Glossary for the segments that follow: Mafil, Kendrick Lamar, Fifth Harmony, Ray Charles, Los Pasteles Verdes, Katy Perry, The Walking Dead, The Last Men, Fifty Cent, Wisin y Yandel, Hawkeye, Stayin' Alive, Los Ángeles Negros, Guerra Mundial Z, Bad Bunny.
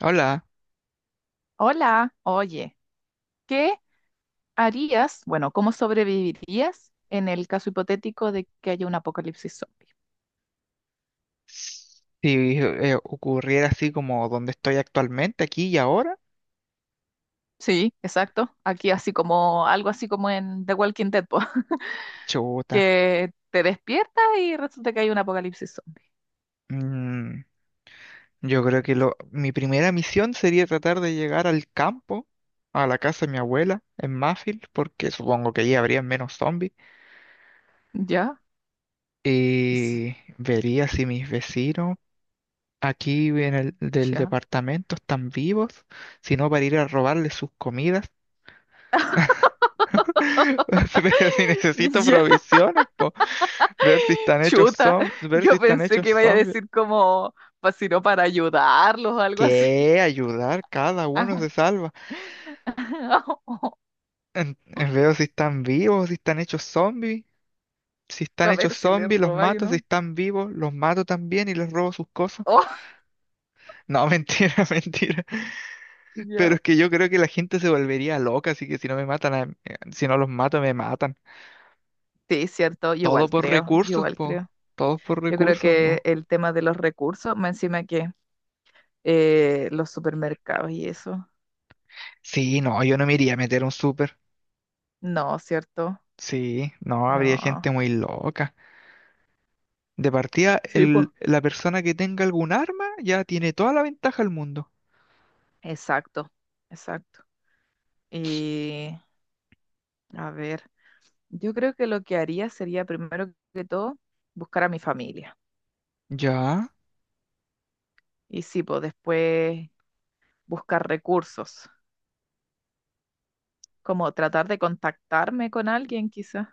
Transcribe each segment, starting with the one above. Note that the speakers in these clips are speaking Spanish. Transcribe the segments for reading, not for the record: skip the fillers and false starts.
Hola. Hola, oye, ¿qué harías, bueno, cómo sobrevivirías en el caso hipotético de que haya un apocalipsis zombie? Si ocurriera así como donde estoy actualmente, aquí y ahora, Sí, exacto. Aquí así como, algo así como en The Walking Dead, po, chuta. que te despiertas y resulta que hay un apocalipsis zombie. Mm, yo creo que lo, mi primera misión sería tratar de llegar al campo, a la casa de mi abuela, en Mafil, porque supongo que allí habría menos zombies. Ya, is- Y vería si mis vecinos aquí en el del ya, departamento están vivos, si no para ir a robarles sus comidas. Pero si necesito ya, provisiones, ver si están hechos chuta. zombies, ver si Yo están pensé hechos que iba a zombies. decir como, pues si no para ayudarlos o algo así. ¿Qué? Ayudar, cada uno Ajá. se salva. Veo si están vivos, si están hechos zombies. Si están A hechos ver si le zombies, los roba, yo mato. Si no. están vivos, los mato también y les robo sus cosas. Oh, No, mentira, mentira. Pero ya. es que yo creo que la gente se volvería loca, así que si no me matan, si no los mato, me matan. Sí, cierto, yo Todo igual por creo, yo recursos, igual po. creo. Todos por Yo creo recursos, po. que el tema de los recursos, más encima que los supermercados y eso. Sí, no, yo no me iría a meter a un súper. No, cierto, Sí, no, habría no. gente muy loca. De partida, Sí, pues. La persona que tenga algún arma ya tiene toda la ventaja del mundo. Exacto, exacto. Y a ver, yo creo que lo que haría sería primero que todo buscar a mi familia. Ya. Y sí, pues después buscar recursos, como tratar de contactarme con alguien quizás.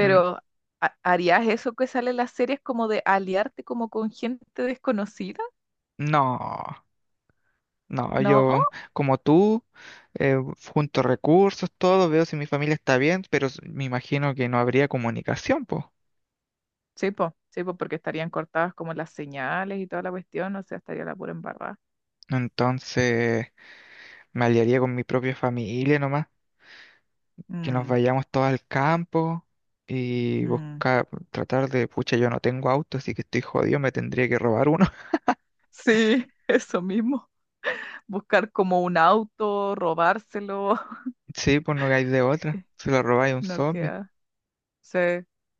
Mm. ¿Harías eso que sale en las series como de aliarte como con gente desconocida? No, no, ¿No? Yo como tú, eh, junto recursos, todo, veo si mi familia está bien, pero me imagino que no habría comunicación, pues. Sí, po, porque estarían cortadas como las señales y toda la cuestión, o sea, estaría la pura embarrada. Entonces, me aliaría con mi propia familia nomás, que nos Mm, vayamos todos al campo y mm. buscar, tratar de, pucha, yo no tengo auto, así que estoy jodido, me tendría que robar uno. Sí, eso mismo. Buscar como un auto, robárselo, Sí, pues no hay de otra, se lo robáis a un no zombie. queda. Sí,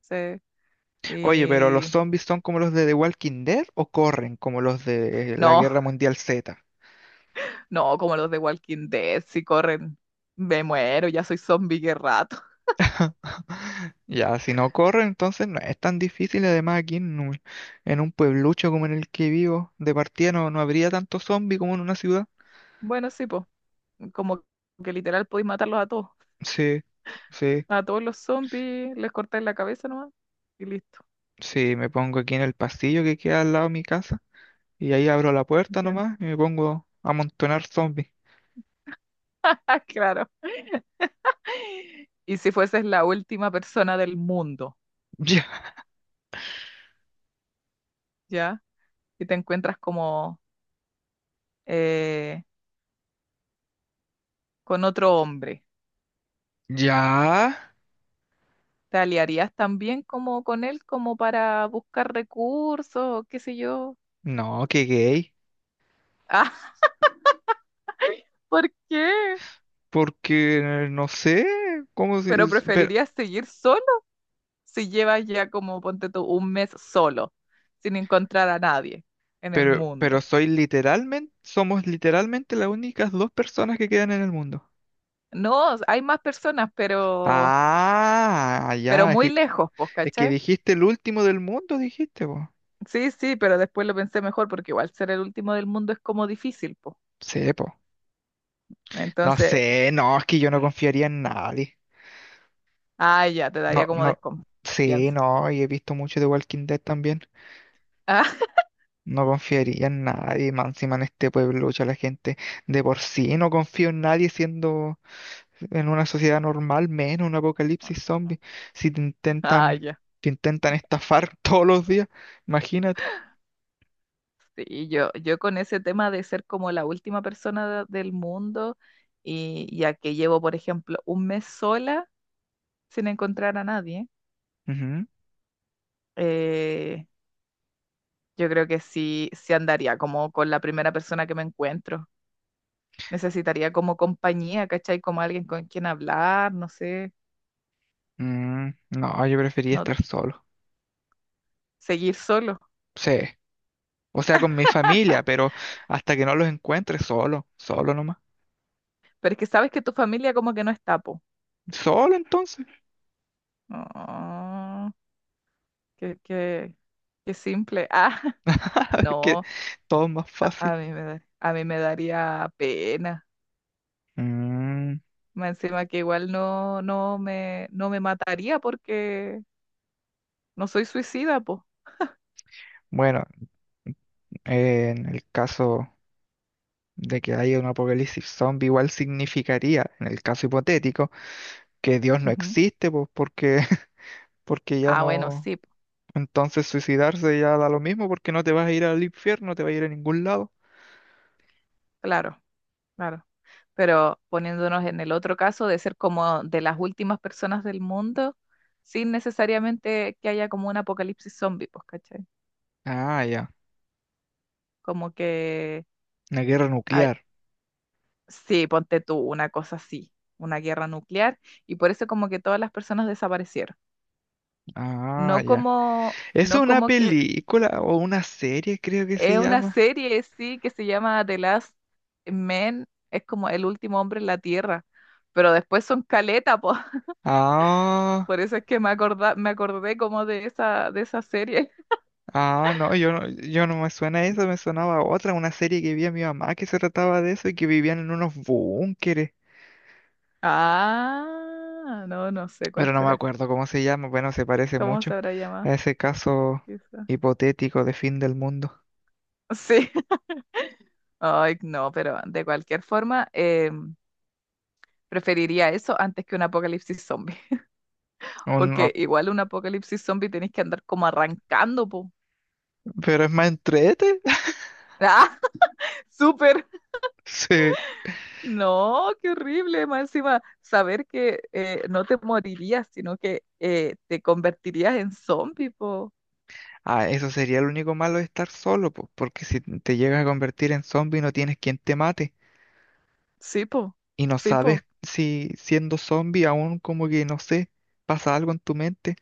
sí. Oye, pero ¿los Y zombies son como los de The Walking Dead o corren como los de la no, Guerra Mundial Z? no, como los de Walking Dead, si corren, me muero, ya soy zombie que rato. Ya, si no corren, entonces no es tan difícil. Además, en un pueblucho como en el que vivo, de partida no, no habría tanto zombie como en una ciudad. Bueno, sí, pues, como que literal podéis matarlos Sí, sí, a todos los zombies, les cortáis la cabeza nomás y listo. sí, me pongo aquí en el pasillo que queda al lado de mi casa y ahí abro la puerta Ya. nomás y me pongo a amontonar zombies. Ah, claro. Y si fueses la última persona del mundo, Ya, ¿ya? Y te encuentras como eh, con otro hombre, ya, ¿te aliarías también como con él como para buscar recursos, qué sé yo? no, qué gay, Ah, ¿por qué? porque no sé, cómo se... ¿Pero preferirías seguir solo? Si llevas ya como, ponte tú, un mes solo, sin encontrar a nadie en el pero mundo. soy literalmente, somos literalmente las únicas dos personas que quedan en el mundo. No, hay más personas, Ah, pero ya, muy lejos, pues, es que ¿cachai? dijiste el último del mundo, dijiste, po. Sí, sí, pero después lo pensé mejor porque igual ser el último del mundo es como difícil, pues. Sí, po. No Entonces, sé, no, es que yo no confiaría en nadie. ah, ya, te No, daría como no, sí, desconfianza. no, y he visto mucho de Walking Dead también. Ah, No confiaría en nadie, más encima en este pueblo, ya la gente de por sí no confío en nadie siendo. En una sociedad normal, menos un apocalipsis zombie. Si te ah, intentan, ya. te intentan estafar todos los días, imagínate. Sí, yo con ese tema de ser como la última persona del mundo y ya que llevo, por ejemplo, un mes sola sin encontrar a nadie. Ujú. eh, Yo creo que sí, sí andaría como con la primera persona que me encuentro. Necesitaría como compañía, ¿cachai? Como alguien con quien hablar, no sé, Mm, no, yo prefería no estar solo. seguir solo. Sí. O sea, con mi familia, pero hasta que no los encuentre, solo, solo nomás. Pero es que sabes que tu familia como que no está, po. Solo entonces, No, qué, qué simple. Ah, nada, es que no, todo es más a, fácil. A mí me daría pena. Mm, Más encima que igual no, no me, no me mataría porque no soy suicida, po. bueno, en el caso de que haya un apocalipsis zombie, igual significaría, en el caso hipotético, que Dios no Ujú. existe, pues porque porque ya Ah, bueno, no, sí, po. entonces suicidarse ya da lo mismo porque no te vas a ir al infierno, no te vas a ir a ningún lado. Claro, claro. Pero poniéndonos en el otro caso de ser como de las últimas personas del mundo, sin necesariamente que haya como un apocalipsis zombie, pues, ¿cachai? Ah, ya, Como que, una guerra ay, nuclear. sí, ponte tú, una cosa así, una guerra nuclear, y por eso como que todas las personas desaparecieron. Ah, No ya. como, Es no una como que película o una serie, creo que se es una llama. serie, sí, que se llama The Last Men, es como el último hombre en la Tierra. Pero después son caleta, po. Ah, Por eso es que me acordé como de esa serie. ah, no, yo no me suena eso, me sonaba otra, una serie que vi a mi mamá que se trataba de eso y que vivían en unos búnkeres. Ah, no, no sé cuál Pero no me será. acuerdo cómo se llama, bueno, se parece ¿Cómo mucho se habrá llamado? a ese caso Quizá. hipotético de fin del mundo. Sí. Ay, no, pero de cualquier forma, preferiría eso antes que un apocalipsis zombie. Porque No, igual un apocalipsis zombie tenés que andar como arrancando, po. pero es más entrete. ¡Ah! ¡Súper! Sí. No, qué horrible. Más encima, saber que no te morirías, sino que te convertirías en zombie, po. Ah, eso sería lo único malo de estar solo, po, porque si te llegas a convertir en zombie no tienes quien te mate Sí, po. y no Sí, sabes po. si siendo zombie aún como que no sé, pasa algo en tu mente,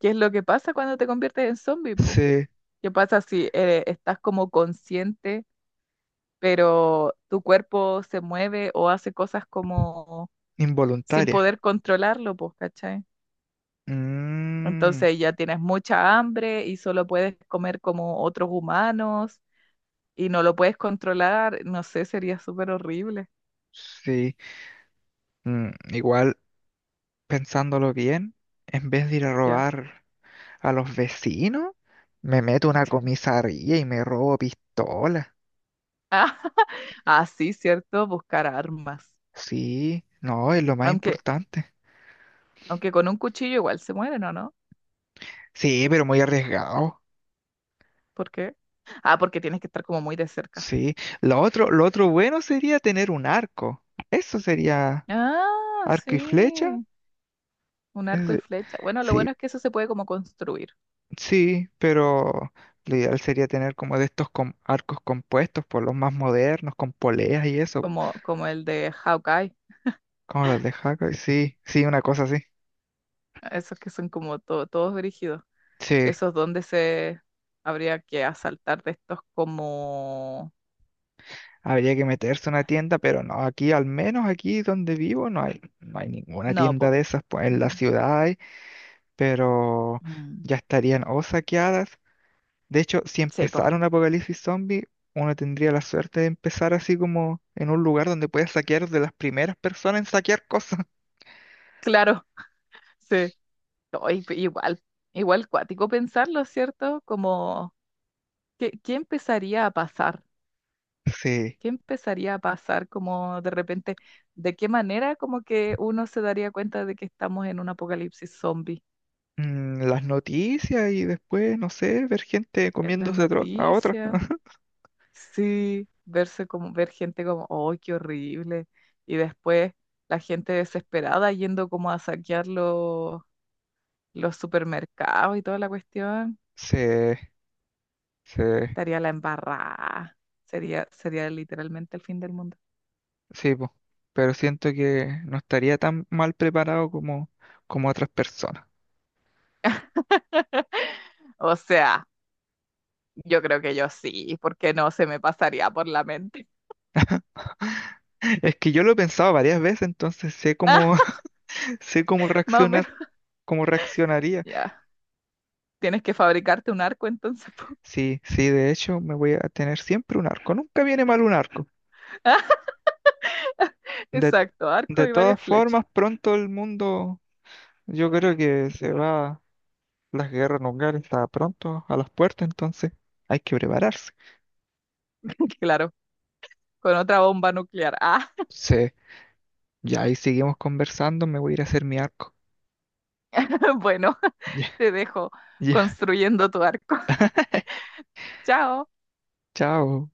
¿Qué es lo que pasa cuando te conviertes en zombie, po? se ¿Qué pasa si estás como consciente, pero tu cuerpo se mueve o hace cosas como sin involuntaria. poder controlarlo, pues, ¿cachai? Mm, Entonces ya tienes mucha hambre y solo puedes comer como otros humanos y no lo puedes controlar, no sé, sería súper horrible, sí. Mm, igual pensándolo bien, en vez de ir a ya. robar a los vecinos, me meto a una comisaría y me robo pistolas. Ah, sí, cierto, buscar armas. Sí, no, es lo más Aunque, importante. aunque con un cuchillo igual se mueren, ¿o no? Sí, pero muy arriesgado. ¿Por qué? Ah, porque tienes que estar como muy de cerca. Sí, lo otro bueno sería tener un arco. Eso sería Ah, arco y flecha. sí. Un arco y Es flecha. Bueno, lo sí, bueno es que eso se puede como construir, sí, pero lo ideal sería tener como de estos arcos compuestos por los más modernos, con poleas y eso, po, como, como el de Hawkeye, como los de Hawkeye. Sí, sí, una cosa así. esos que son como todos brígidos. Sí, Esos donde se habría que asaltar de estos como... habría que meterse a una tienda, pero no, aquí, al menos aquí donde vivo, no hay, no hay ninguna No, tienda po. de esas. Pues en la Mm, ciudad hay, pero mm, ya estarían o saqueadas. De hecho, si sí, po. empezara un apocalipsis zombie, uno tendría la suerte de empezar así como en un lugar donde puedes saquear de las primeras personas en saquear cosas. Claro, sí. Ay, pe- igual, igual cuático pensarlo, ¿cierto? Como, ¿qué, qué empezaría a pasar? Sí. ¿Qué empezaría a pasar como de repente? ¿De qué manera como que uno se daría cuenta de que estamos en un apocalipsis zombie? Mm, las noticias y después, no sé, ver gente En las comiéndose a otra. noticias, sí, verse como, ver gente como, oh, qué horrible, y después la gente desesperada yendo como a saquear los supermercados y toda la cuestión, Sí, sí, estaría la embarrada, sería, sería literalmente el fin del mundo. sí, po. Pero siento que no estaría tan mal preparado como, como otras personas. O sea, yo creo que yo sí, porque no se me pasaría por la mente. Es que yo lo he pensado varias veces, entonces sé Ah, cómo, sé cómo más o menos, reaccionar, cómo reaccionaría. ya. Tienes que fabricarte un arco entonces, po. Sí, sí, de hecho me voy a tener siempre un arco. Nunca viene mal un arco. De, Exacto, arco de y todas varias flechas. formas, pronto el mundo, yo creo que se va, las guerras nucleares está pronto a las puertas, entonces hay que prepararse. Claro, con otra bomba nuclear. Ah, Sí, ya ahí seguimos conversando, me voy a ir a hacer mi arco. bueno, Ya, te dejo ya, construyendo tu arco. Chao. chao.